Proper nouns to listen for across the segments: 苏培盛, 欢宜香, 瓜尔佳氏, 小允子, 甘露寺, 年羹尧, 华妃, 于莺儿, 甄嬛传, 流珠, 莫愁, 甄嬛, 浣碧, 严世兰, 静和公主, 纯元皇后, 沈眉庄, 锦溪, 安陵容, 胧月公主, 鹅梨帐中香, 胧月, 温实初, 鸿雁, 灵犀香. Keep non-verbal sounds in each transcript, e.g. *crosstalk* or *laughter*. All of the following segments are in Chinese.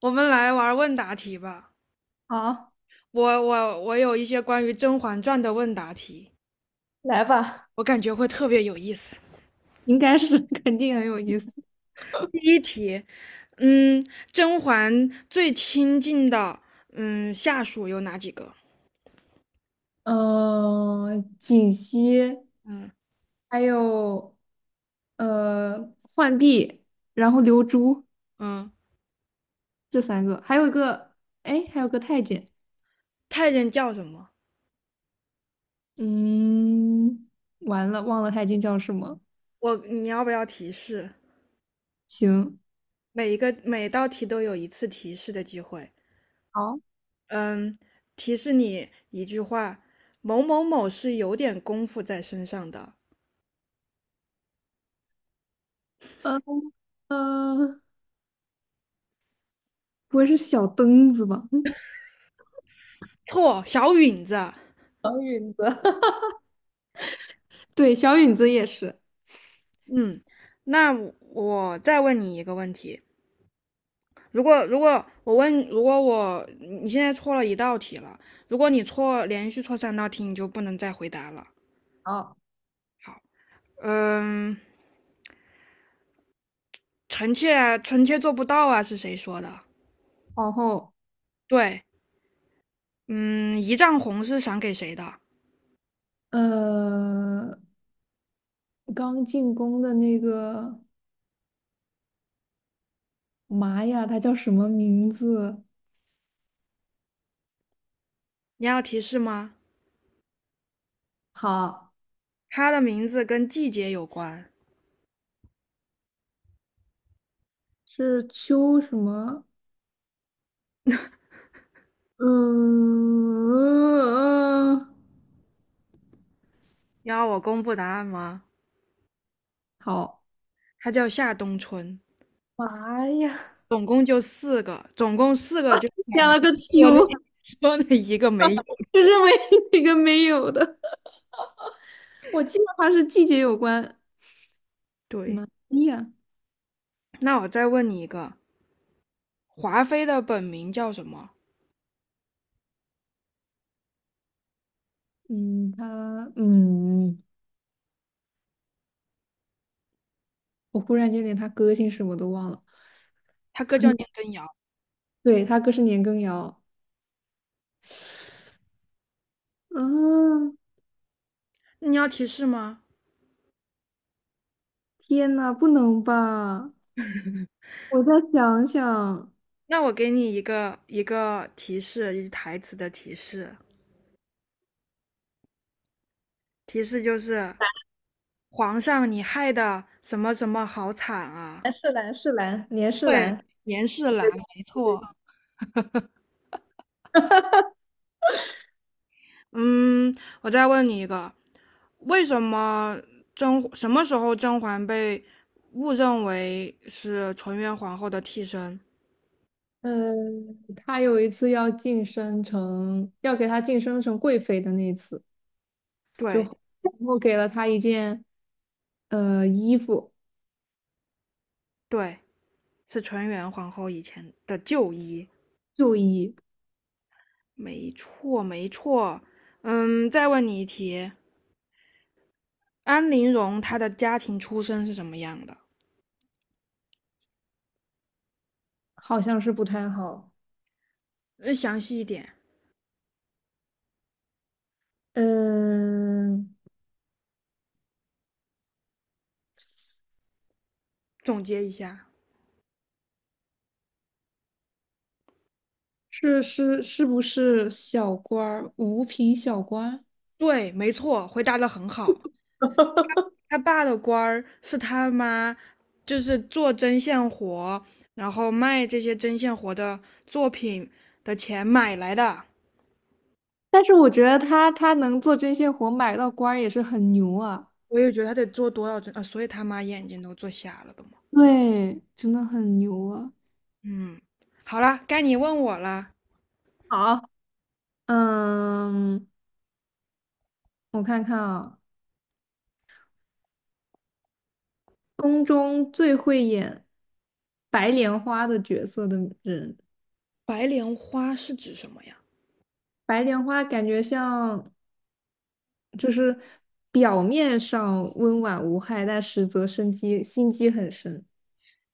我们来玩问答题吧。好，我有一些关于《甄嬛传》的问答题，来吧。我感觉会特别有意思。应该是 *laughs* 肯定很有意思。第一题，嗯，甄嬛最亲近的下属有哪几个？锦溪，嗯。还有浣碧，然后流珠，嗯，这三个，还有一个，哎，还有个太监。太监叫什么？嗯，完了，忘了太监叫什么。你要不要提示？行，每一个每道题都有一次提示的机会。好，嗯，提示你一句话：某某某是有点功夫在身上的。呃呃，不会是小灯子吧？嗯。错，小允子。小允子。*laughs* 对，小允子也是。嗯，那我再问你一个问题：如果你现在错了一道题了，如果你连续错三道题，你就不能再回答了。好，嗯，臣妾啊臣妾做不到啊，是谁说的？皇后。对，嗯，一丈红是赏给谁的？呃，刚进宫的那个。妈呀，他叫什么名字？你要提示吗？好，他的名字跟季节有关。是秋什么？嗯，你要我公布答案吗？好，他叫夏冬春，妈呀，总共四个，*laughs* 加了个秋，说那 *laughs* 说那一个没有。就是没一个没有的。我记得他是季节有关。对，妈呀，那我再问你一个，华妃的本名叫什么？嗯，他嗯，我忽然间连他哥姓什么都忘了。她哥叫嗯，年羹尧。对，他哥是年羹尧。嗯，你要提示吗？天呐，不能吧？我再想想，那我给你一个提示，一台词的提示。提示就是，皇上你害的什么什么好惨啊！蓝是蓝是蓝，年是对，蓝。严世兰，没错。嗯，我再问你一个，为什么甄什么时候甄嬛被误认为是纯元皇后的替身？呃，他有一次要晋升成，要给他晋升成贵妃的那一次，对。然后给了他一件衣服，对，是纯元皇后以前的旧衣。旧衣，没错，没错。嗯，再问你一题，安陵容她的家庭出身是什么样的？好像是不太好。呃详细一点，嗯，总结一下。是不是小官儿，五品小官？对，没错，回答的很好。*laughs* 他爸的官儿是他妈，就是做针线活，然后卖这些针线活的作品的钱买来的。但是我觉得他能做针线活买到官儿也是很牛啊。我也觉得他得做多少针啊，所以他妈眼睛都做瞎了的嘛。对，真的很牛啊。嗯，好了，该你问我了。好，嗯，我看看啊。宫中最会演白莲花的角色的人。白莲花是指什么呀？白莲花感觉像就是表面上温婉无害，但实则生机心机很深。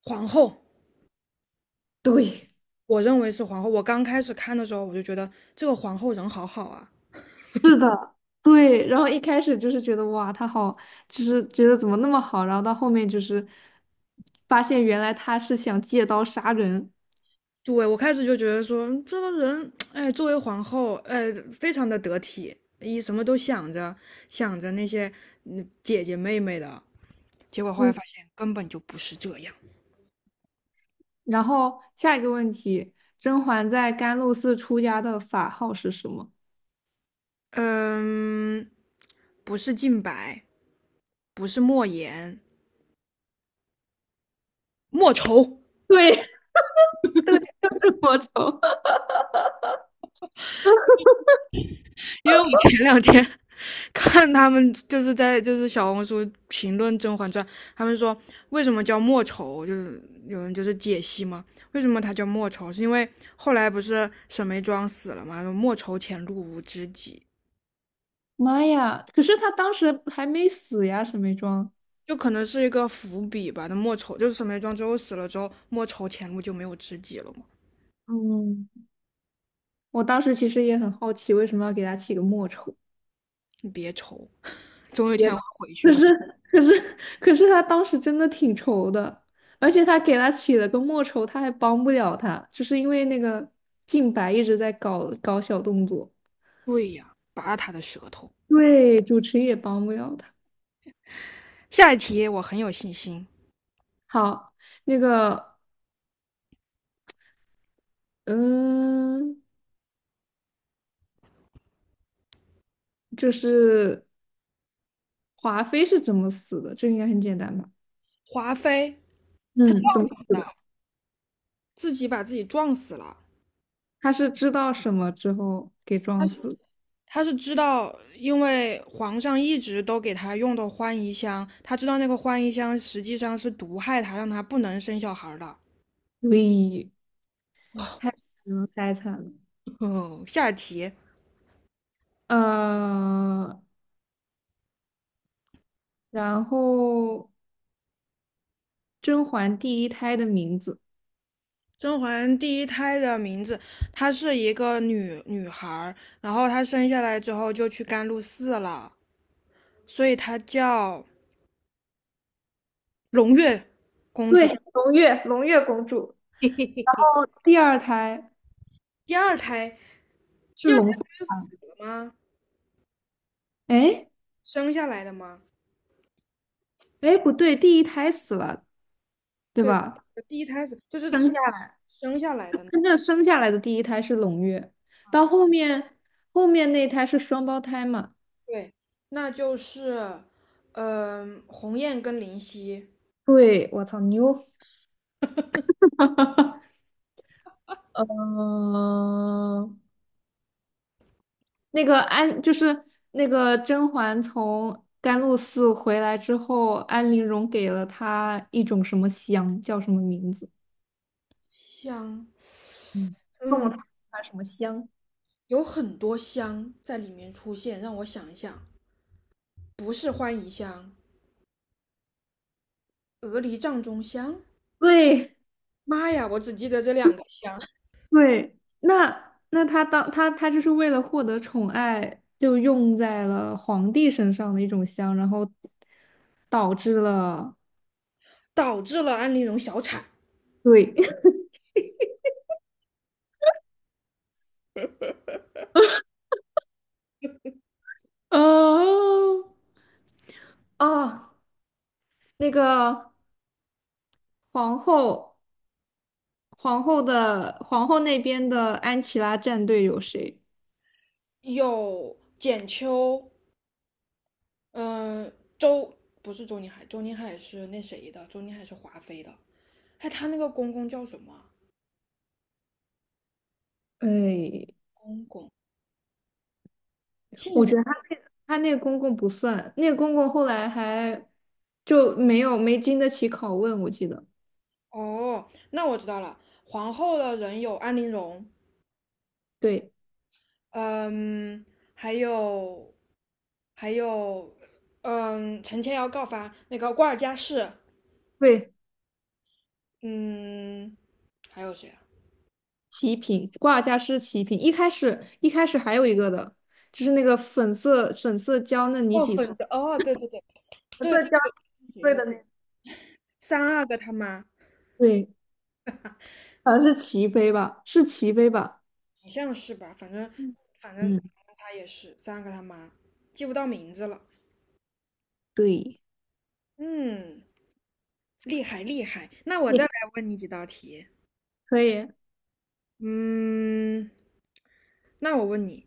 皇后。对，我认为是皇后。我刚开始看的时候，我就觉得这个皇后人好好啊。*laughs* 是的，对。然后一开始就是觉得哇，他好，就是觉得怎么那么好，然后到后面就是发现原来他是想借刀杀人。对。我开始就觉得说这个人，哎，作为皇后，哎，非常的得体，一什么都想着想着那些姐姐妹妹的。结果后来嗯，发现根本就不是这样。然后下一个问题，甄嬛在甘露寺出家的法号是什么？嗯，不是靖白，不是莫言，莫愁。对， *laughs* 对，就是魔咒。因为我前两天 *laughs* 看他们在小红书评论《甄嬛传》，他们说为什么叫莫愁，就是有人就是解析嘛，为什么他叫莫愁，是因为后来不是沈眉庄死了嘛，莫愁前路无知己，妈呀！可是他当时还没死呀，沈眉庄。就可能是一个伏笔吧。那莫愁就是沈眉庄之后死了之后，莫愁前路就没有知己了嘛，嗯，我当时其实也很好奇，为什么要给他起个莫愁？你别愁，总有一也天会回去可的。是，可是，可是他当时真的挺愁的，而且他给他起了个莫愁，他还帮不了他，就是因为那个静白一直在搞小动作。对呀，拔他的舌头。对，主持也帮不了他。下一题我很有信心，好，那个，嗯，就是华妃是怎么死的？这应该很简单吧？华妃。嗯，怎么死的？自己把自己撞死了。他是知道什么之后给他撞是死的，他是知道，因为皇上一直都给他用的欢宜香，他知道那个欢宜香实际上是毒害他，让他不能生小孩的。喂，太惨了，太惨了。哦，下题，呃，然后甄嬛第一胎的名字，甄嬛第一胎的名字，她是一个女孩，然后她生下来之后就去甘露寺了，所以她叫胧月公主。对，胧月，胧月公主，然后第二胎第二胎，是第二胎龙凤不是胎。死了吗？哎生下来的吗？哎,不对，第一胎死了，对对，吧？呃第一胎是就是只生下来，生下来的那。真正生下来的第一胎是胧月，到后面后面那胎是双胞胎嘛？对，那就是，鸿雁跟灵犀。对，我操，牛！*laughs* 嗯、那个安就是那个甄嬛从甘露寺回来之后，安陵容给了她一种什么香，叫什么名字？香嗯，送了她什么香？有很多香在里面出现，让我想一想，不是欢宜香，鹅梨帐中香，对妈呀，我只记得这两个香，对，那那她当她她就是为了获得宠爱，就用在了皇帝身上的一种香，然后导致了导致了安陵容小产。对。 *laughs* 哦哦，那个皇后。皇后的皇后那边的安琪拉战队有谁？有简秋，嗯、周不是周宁海，周宁海是那谁的，周宁海是华妃的，哎，她那个公公叫什么啊。哎，公公姓我什么？觉得他那个公公不算，那个公公后来还就没经得起拷问，我记得。哦，那我知道了。皇后的人有安陵容，对嗯，还有还有，陈千瑶告发那个瓜尔佳氏，对，嗯，还有谁啊？齐平挂架是齐平，一开始还有一个的，就是那个粉色娇嫩你哦，几岁？粉的，哦，对。粉对色对娇对，几谁岁来？的那个？三阿哥他妈，对，好像是齐妃吧，是齐妃吧？好像是吧？反正嗯，反正嗯反正他也是三阿哥他妈，记不到名字了。对，嗯，厉害厉害。那我再也来问你几道题。可以。嗯，那我问你。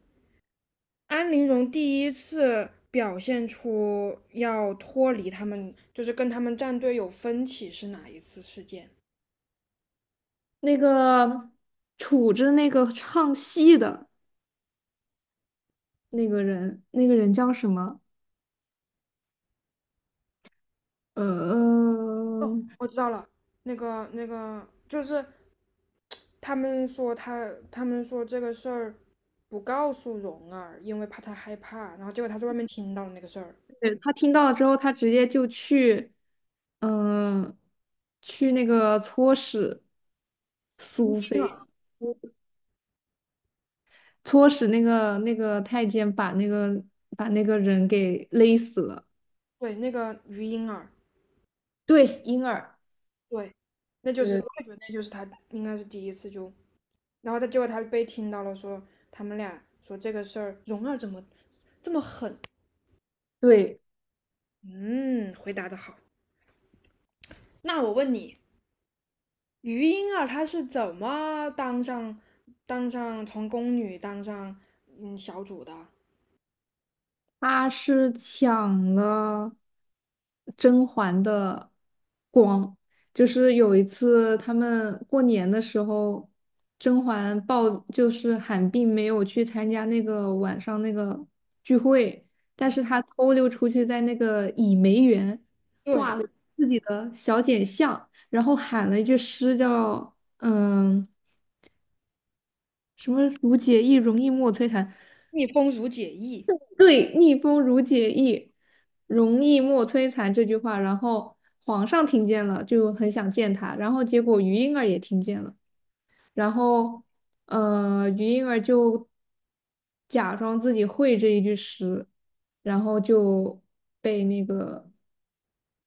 安陵容第一次表现出要脱离他们，就是跟他们战队有分歧是哪一次事件？那个杵着那个唱戏的那个人，那个人叫什么？呃，哦，我知道了，那个就是他们说这个事儿不告诉蓉儿，因为怕她害怕，然后结果她在外面听到了那个事儿。对他听到了之后，他直接就去，嗯、去那个搓使苏婴菲，儿，搓使那个太监把那个把那个人给勒死了。对，那个于莺儿，对，婴儿，对，那就对是我对也觉得那就是他应该是第一次就，然后结果他被听到了说他们俩说这个事儿，蓉儿怎么这么狠，对。嗯，回答的好。那我问你，于莺儿她是怎么当上从宫女当上小主的？他是抢了甄嬛的光，就是有一次他们过年的时候，甄嬛抱就是喊病没有去参加那个晚上那个聚会，但是她偷溜出去在那个倚梅园对，自己的小简巷，然后喊了一句诗叫嗯什么"如解意容易莫摧残"，逆风如解意，对，逆风如解意，容易莫摧残这句话，然后皇上听见了，就很想见他，然后结果于莺儿也听见了，然后于莺儿就假装自己会这一句诗，然后就被那个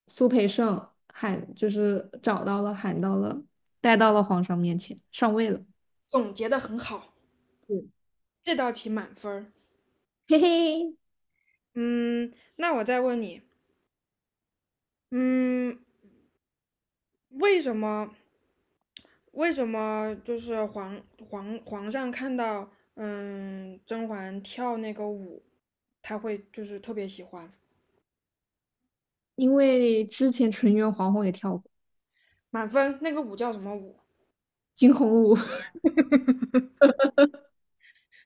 苏培盛喊，就是找到了，喊到了，带到了皇上面前，上位了。总结的很好，嗯，这道题满分儿。嘿嘿，嗯，那我再问你，嗯，为什么为什么就是皇上看到甄嬛跳那个舞，他会就是特别喜欢？因为之前纯元皇后也跳过满分，那个舞叫什么舞？惊鸿舞。*laughs*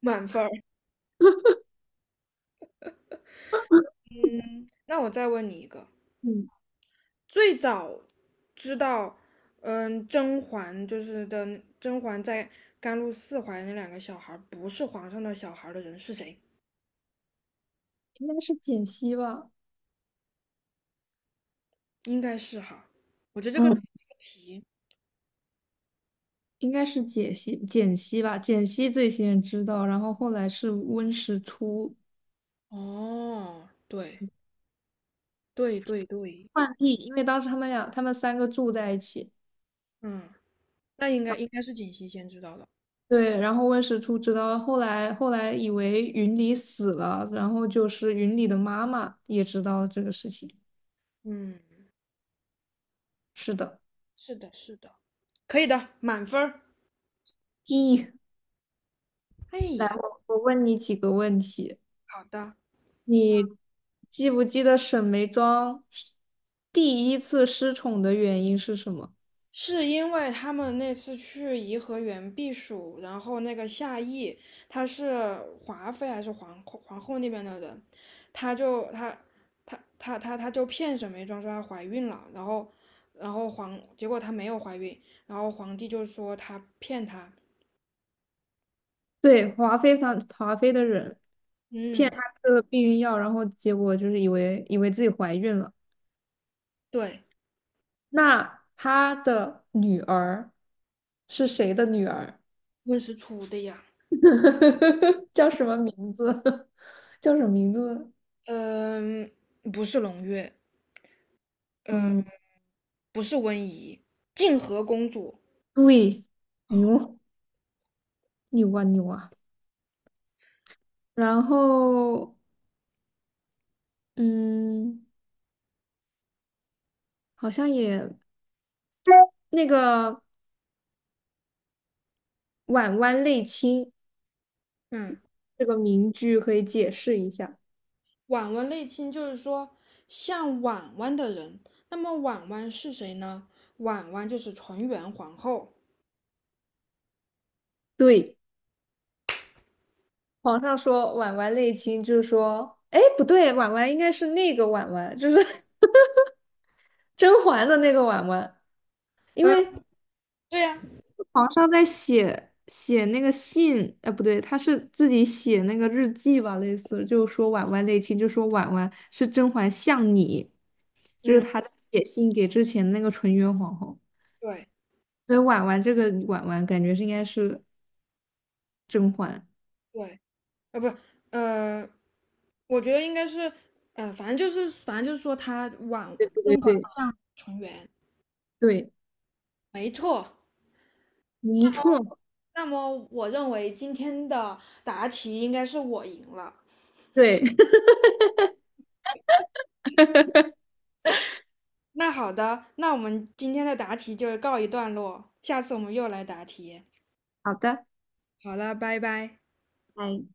满分。嗯，那我再问你一个，嗯，最早知道，甄嬛就是的，甄嬛在甘露寺怀的那两个小孩儿不是皇上的小孩儿的人是谁？应该是简溪吧。应该是哈，我觉得嗯，这个题，应该是解析简溪吧，简溪最先知道，然后后来是温实初哦，对。对，浣碧，因为当时他们三个住在一起。嗯，那应该应该是锦汐先知道的，对，然后温实初知道，后来以为云里死了，然后就是云里的妈妈也知道了这个事情。嗯，是的，是的，是的，可以的，满分儿。咦，哎来，呀，我问你几个问题。好的。你记不记得沈眉庄第一次失宠的原因是什么？是因为他们那次去颐和园避暑，然后那个夏邑，他是华妃还是皇后。皇后那边的人，他就他他他他他就骗沈眉庄说她怀孕了，然后然后皇结果她没有怀孕，然后皇帝就说他骗她，对，华妃，上华妃的人骗嗯，她吃了避孕药，然后结果就是以为自己怀孕了。对，那她的女儿是谁的女儿？温实初的呀，*laughs* 叫什么名字？*laughs* 叫什么名字？嗯，不是胧月，嗯，嗯，不是温宜，静和公主，对，牛，牛啊牛啊！然后嗯，好像也那个婉婉类卿嗯。这个名句可以解释一下。婉婉类亲就是说像婉婉的人，那么婉婉是谁呢？婉婉就是纯元皇后。对。皇上说婉婉内亲，就是说，哎，不对，婉婉应该是那个婉婉，就是 *laughs* 甄嬛的那个婉婉，因嗯，为对呀、皇上在写那个信，呃，不对，他是自己写那个日记吧，类似就说婉婉内亲，就说婉婉是甄嬛像你，就是嗯，他在写信给之前那个纯元皇后，对所以婉婉这个婉婉感觉是应该是甄嬛。对，呃，不，呃，我觉得应该是，呃，反正就是说对对甄嬛对，像纯元，对，没错。没错，那么我认为今天的答题应该是我赢了。对。*laughs* 那好的，那我们今天的答题就告一段落，下次我们又来答题。好的。好了，拜拜。哎，